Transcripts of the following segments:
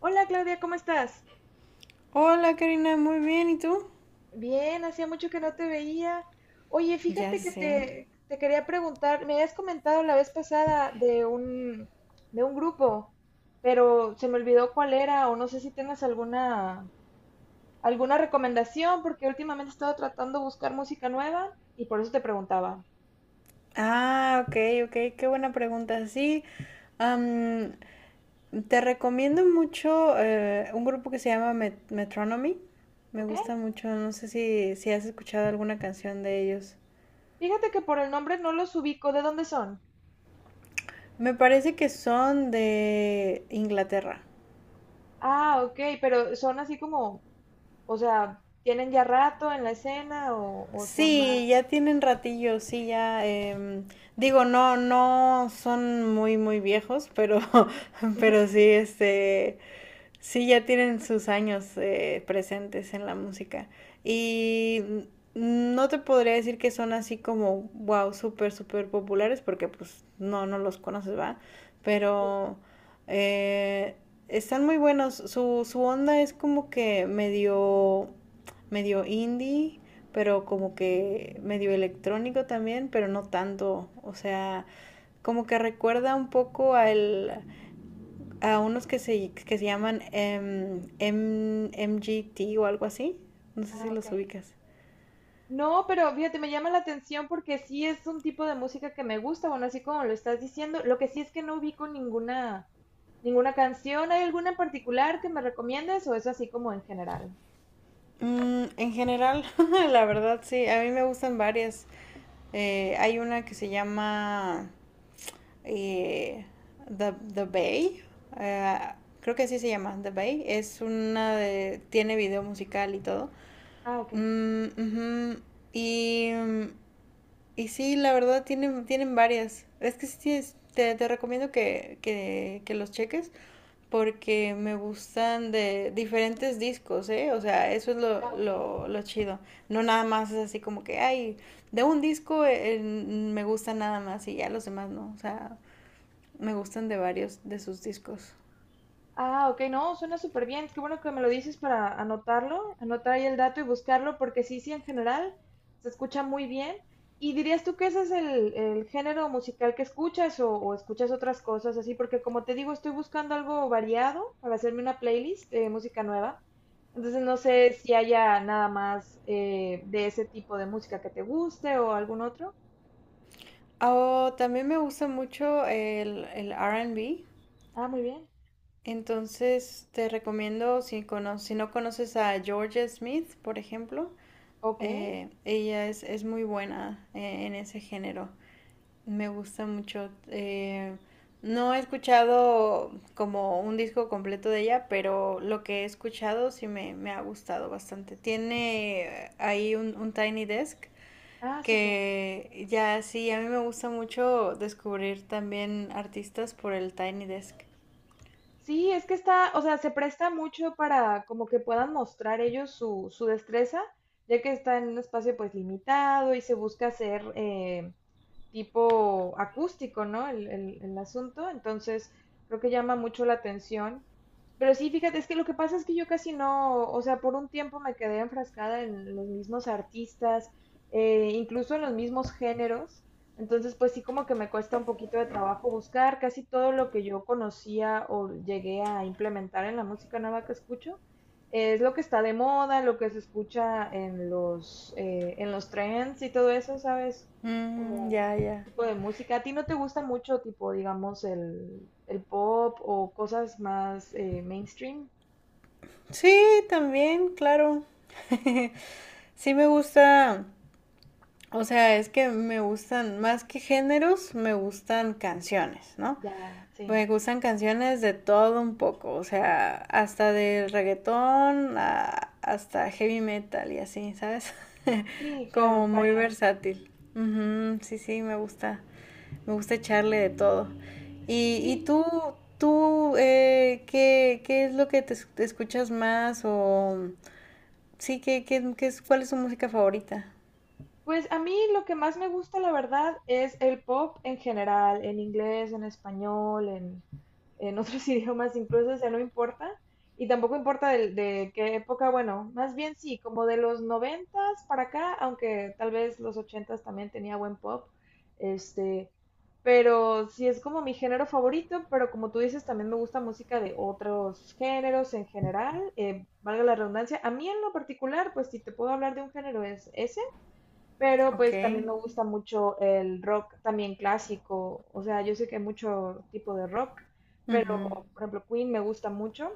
Hola Claudia, ¿cómo estás? Hola Karina, muy bien, ¿y tú? Bien, hacía mucho que no te veía. Oye, Ya fíjate que sé. te quería preguntar, me habías comentado la vez pasada de un grupo, pero se me olvidó cuál era o no sé si tengas alguna, alguna recomendación porque últimamente he estado tratando de buscar música nueva y por eso te preguntaba, Ah, ok, ok, qué buena pregunta. Sí, am, te recomiendo mucho un grupo que se llama Metronomy. Me ¿ok? gusta mucho, no sé si has escuchado alguna canción de ellos. Fíjate que por el nombre no los ubico, ¿de dónde son? Me parece que son de Inglaterra. Ah, ok, pero son así como, o sea, ¿tienen ya rato en la escena o son más? Sí, ya tienen ratillo, sí, ya. No, no son muy viejos, pero, pero sí, sí, ya tienen sus años presentes en la música. Y no te podría decir que son así como wow, súper populares, porque pues no, no los conoces, va. Pero eh, están muy buenos. Su onda es como que medio indie, pero como que medio electrónico también, pero no tanto. O sea, como que recuerda un poco a unos que se llaman MGT o algo así. No sé si Ah, ok. los ubicas. No, pero fíjate, me llama la atención porque sí es un tipo de música que me gusta, bueno, así como lo estás diciendo. Lo que sí es que no ubico ninguna, ninguna canción. ¿Hay alguna en particular que me recomiendes o es así como en general? Mm, en general, la verdad sí, a mí me gustan varias. Hay una que se llama eh, The Bay. eh, Creo que así se llama, The Bay. Es una de tiene video musical y todo. Ah, ok. Mm, ujú. Y Y sí, la verdad tienen, tienen varias. Es que sí, te recomiendo que los cheques porque me gustan de diferentes discos, ¿eh? O sea, eso es Ah, ok. Lo chido. No nada más es así como que ay, de un disco me gusta nada más y ya los demás no. O sea, me gustan de varios de sus discos. Ah, ok, no, suena súper bien. Qué bueno que me lo dices para anotarlo, anotar ahí el dato y buscarlo, porque sí, sí, en general se escucha muy bien. ¿Y dirías tú que ese es el género musical que escuchas o escuchas otras cosas así? Porque como te digo, estoy buscando algo variado para hacerme una playlist de música nueva. Entonces no sé si haya nada más de ese tipo de música que te guste o algún otro. Oh, también me gusta mucho el R and B. Ah, muy bien. Entonces te recomiendo si no conoces a George Smith, por ejemplo. Ok. Ella es muy buena en ese género. Me gusta mucho. No he escuchado como un disco completo de ella, pero lo que he escuchado sí me ha gustado bastante. Tiene ahí un Tiny Desk, Ah, súper. que ya sí, a mí me gusta mucho descubrir también artistas por el Tiny Desk. Sí, es que está, o sea, se presta mucho para como que puedan mostrar ellos su, su destreza, ya que está en un espacio pues limitado y se busca hacer tipo acústico, ¿no? El asunto, entonces creo que llama mucho la atención. Pero sí, fíjate, es que lo que pasa es que yo casi no, o sea, por un tiempo me quedé enfrascada en los mismos artistas, incluso en los mismos géneros. Entonces, pues sí, como que me cuesta un poquito de trabajo buscar casi todo lo que yo conocía o llegué a implementar en la música nueva que escucho. Es lo que está de moda, lo que se escucha en los trends y todo eso, ¿sabes? Mm, ¿Como ya, ya. tipo de música? ¿A ti no te gusta mucho, tipo, digamos, el pop o cosas más mainstream? Sí, también, claro. Sí me gusta. O sea, es que me gustan, más que géneros, me gustan canciones, ¿no? Ya, sí. Me gustan canciones de todo un poco, o sea, hasta del reggaetón hasta heavy metal y así, ¿sabes? Sí, claro, Como muy variado. versátil. Ujú, sí, sí, me gusta. Me gusta echarle de todo. ¿Y, Sí. Qué es lo que te escuchas más? O sí, qué es, cuál es tu música favorita? Pues a mí lo que más me gusta, la verdad, es el pop en general, en inglés, en español, en otros idiomas incluso, o sea, no importa. Y tampoco importa de qué época, bueno, más bien sí, como de los noventas para acá, aunque tal vez los ochentas también tenía buen pop, este, pero sí es como mi género favorito, pero como tú dices, también me gusta música de otros géneros en general, valga la redundancia. A mí en lo particular, pues si te puedo hablar de un género es ese. Pero Ok. pues también me gusta mucho el rock también clásico. O sea, yo sé que hay mucho tipo de rock, pero por ejemplo Queen me gusta mucho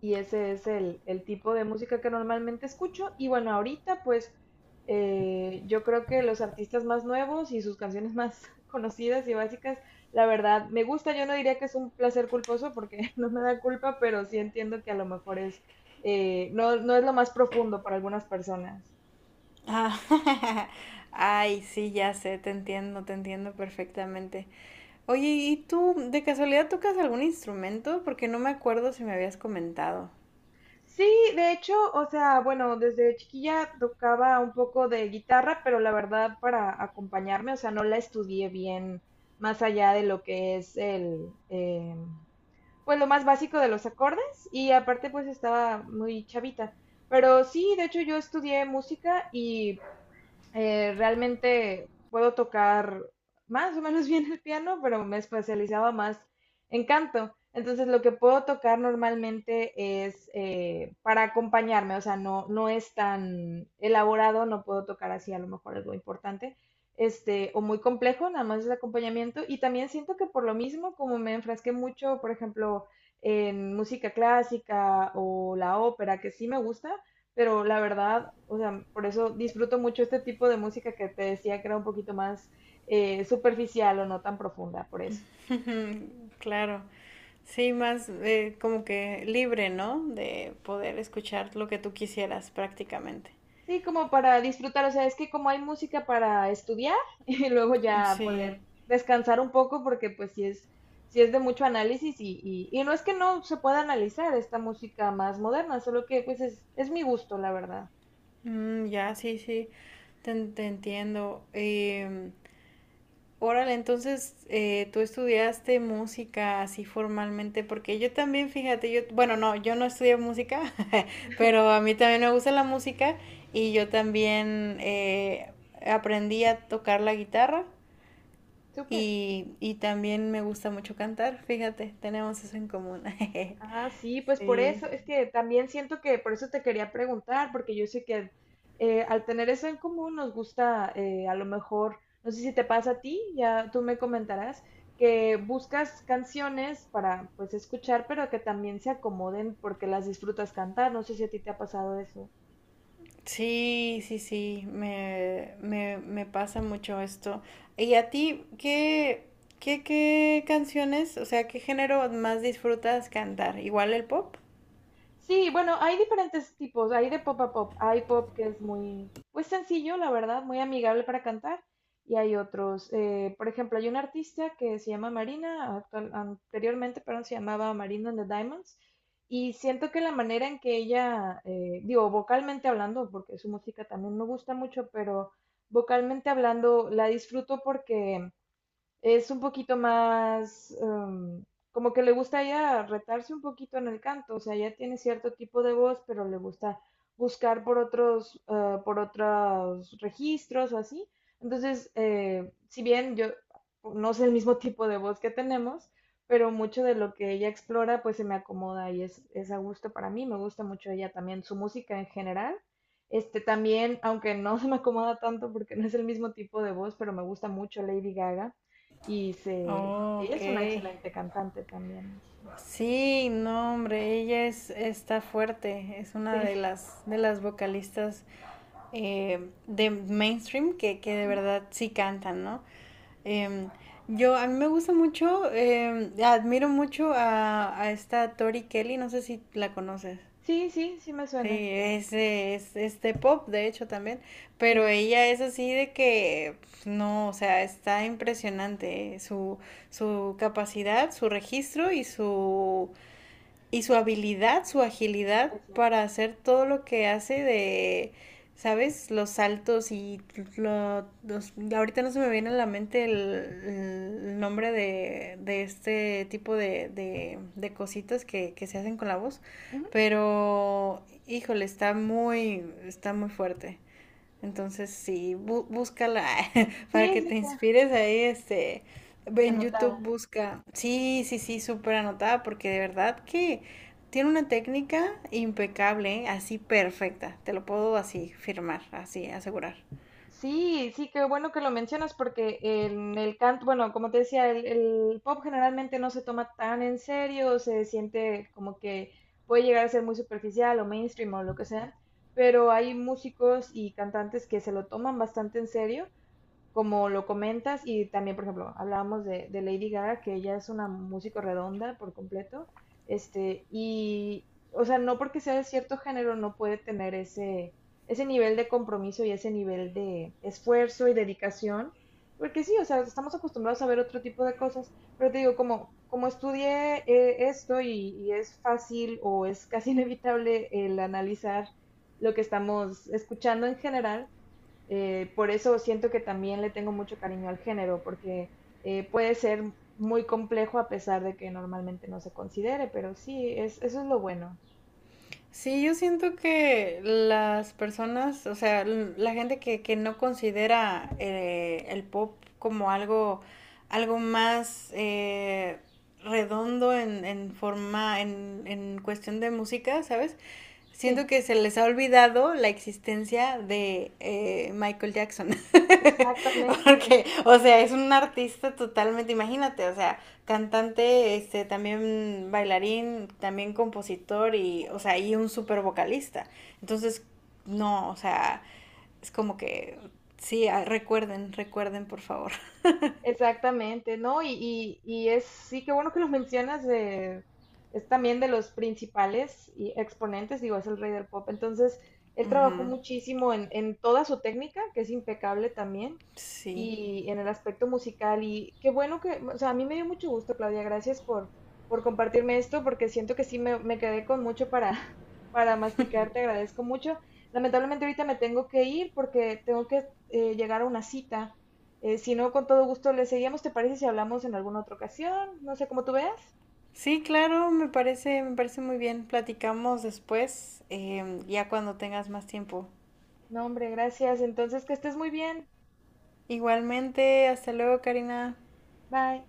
y ese es el tipo de música que normalmente escucho. Y bueno, ahorita pues yo creo que los artistas más nuevos y sus canciones más conocidas y básicas, la verdad, me gusta. Yo no diría que es un placer culposo porque no me da culpa, pero sí entiendo que a lo mejor es, no, no es lo más profundo para algunas personas. Ah, ay, sí, ya sé, te entiendo perfectamente. Oye, ¿y tú de casualidad tocas algún instrumento? Porque no me acuerdo si me habías comentado. Sí, de hecho, o sea, bueno, desde chiquilla tocaba un poco de guitarra, pero la verdad para acompañarme, o sea, no la estudié bien más allá de lo que es el, pues lo más básico de los acordes y aparte pues estaba muy chavita. Pero sí, de hecho yo estudié música y realmente puedo tocar más o menos bien el piano, pero me especializaba más en canto. Entonces lo que puedo tocar normalmente es para acompañarme, o sea, no, no es tan elaborado, no puedo tocar así a lo mejor algo importante, este, o muy complejo, nada más es acompañamiento. Y también siento que por lo mismo, como me enfrasqué mucho, por ejemplo, en música clásica o la ópera, que sí me gusta, pero la verdad, o sea, por eso disfruto mucho este tipo de música que te decía que era un poquito más superficial o no tan profunda, por eso. Mm, claro, sí, más como que libre, ¿no? De poder escuchar lo que tú quisieras prácticamente. Sí, como para disfrutar, o sea, es que como hay música para estudiar y luego ya Sí, poder descansar un poco porque pues sí es de mucho análisis y no es que no se pueda analizar esta música más moderna, solo que pues es mi gusto, la verdad. mm, ya, sí, sí, te entiendo. Órale, entonces tú estudiaste música así formalmente, porque yo también, fíjate, yo, bueno, no, yo no estudié música, pero a mí también me gusta la música y yo también aprendí a tocar la guitarra Súper. Y también me gusta mucho cantar, fíjate, tenemos eso en común. Ah, sí, pues por eso, Sí. es que también siento que por eso te quería preguntar, porque yo sé que al tener eso en común nos gusta, a lo mejor, no sé si te pasa a ti, ya tú me comentarás, que buscas canciones para pues escuchar, pero que también se acomoden porque las disfrutas cantar, no sé si a ti te ha pasado eso. Sí, sí, sí, me pasa mucho esto. ¿Y a ti qué canciones, o sea, qué género más disfrutas cantar? ¿Igual el pop? Sí, bueno, hay diferentes tipos, hay de pop a pop. Hay pop que es muy, pues sencillo, la verdad, muy amigable para cantar. Y hay otros, por ejemplo, hay una artista que se llama Marina, anteriormente, perdón, se llamaba Marina and the Diamonds. Y siento que la manera en que ella, digo, vocalmente hablando, porque su música también me gusta mucho, pero vocalmente hablando la disfruto porque es un poquito más, como que le gusta ya retarse un poquito en el canto, o sea, ya tiene cierto tipo de voz, pero le gusta buscar por otros registros o así. Entonces, si bien yo no sé el mismo tipo de voz que tenemos, pero mucho de lo que ella explora pues se me acomoda y es a gusto para mí, me gusta mucho ella también, su música en general. Este también, aunque no se me acomoda tanto porque no es el mismo tipo de voz, pero me gusta mucho Lady Gaga y se, Oh, ella ok. es una excelente cantante también. Sí, no, hombre, ella es, está fuerte, es una de Entonces, sí. De las vocalistas de mainstream que de Ujú. verdad sí cantan, ¿no? Em, a mí me gusta mucho, em, admiro mucho a esta Tori Kelly, no sé si la conoces. Sí, sí, sí me suena. Sí, es de pop, de hecho, también, pero Sí, ella es así de que, pues, no, o sea, está impresionante, su, su capacidad, su registro y su habilidad, su agilidad exacto. para hacer todo lo que hace de, ¿sabes? Los saltos y los Ahorita no se me viene a la mente el nombre de este tipo de cositas que se hacen con la voz, Ujú. pero híjole, está está muy fuerte. Entonces, sí, búscala para Sí, que sí, te claro, inspires ahí, ve en anotada. YouTube, busca. Sí, sí, sí, súper anotada, porque de verdad que tiene una técnica impecable, ¿eh? Así perfecta, te lo puedo así firmar, así asegurar. Sí, sí, qué bueno que lo mencionas porque en el canto, bueno, como te decía, el pop generalmente no se toma tan en serio, se siente como que puede llegar a ser muy superficial o mainstream o lo que sea, pero hay músicos y cantantes que se lo toman bastante en serio como lo comentas, y también, por ejemplo, hablábamos de Lady Gaga, que ella es una músico redonda por completo, este, y, o sea, no porque sea de cierto género no puede tener ese, ese nivel de compromiso y ese nivel de esfuerzo y dedicación, porque sí, o sea, estamos acostumbrados a ver otro tipo de cosas, pero te digo, como, como estudié esto y es fácil o es casi inevitable el analizar lo que estamos escuchando en general, por eso siento que también le tengo mucho cariño al género, porque puede ser muy complejo a pesar de que normalmente no se considere, pero sí, es, eso es lo bueno. Sí, yo siento que las personas, o sea, la gente que no considera el pop como algo, algo más redondo en forma, en cuestión de música, ¿sabes? Sí, Siento que se les ha olvidado la existencia de Michael Jackson. exactamente. Porque, o sea, es un artista totalmente, imagínate, o sea, cantante, también bailarín, también compositor y, o sea, y Compositor. un súper vocalista. Entonces, no, o sea, es como que, sí, ah, recuerden, recuerden, por favor. Exactamente, ¿no? Y es, sí, qué bueno que lo mencionas, es también de los principales y exponentes, digo, es el rey del pop. Entonces, él Uh trabajó -huh, muchísimo en toda su técnica, que es impecable también, sí. y en el aspecto musical. Y qué bueno que, o sea, a mí me dio mucho gusto, Claudia, gracias por compartirme esto, porque siento que sí me quedé con mucho para, para masticar, te agradezco mucho. Lamentablemente ahorita me tengo que ir porque tengo que llegar a una cita. Si no, con todo gusto le seguimos. ¿Te parece si hablamos en alguna otra ocasión? No sé cómo tú veas. Sí, claro, me parece muy bien. Platicamos después, ya cuando tengas más tiempo. No, hombre, gracias. Entonces, que estés muy bien. Igualmente, hasta luego, Karina. Bye.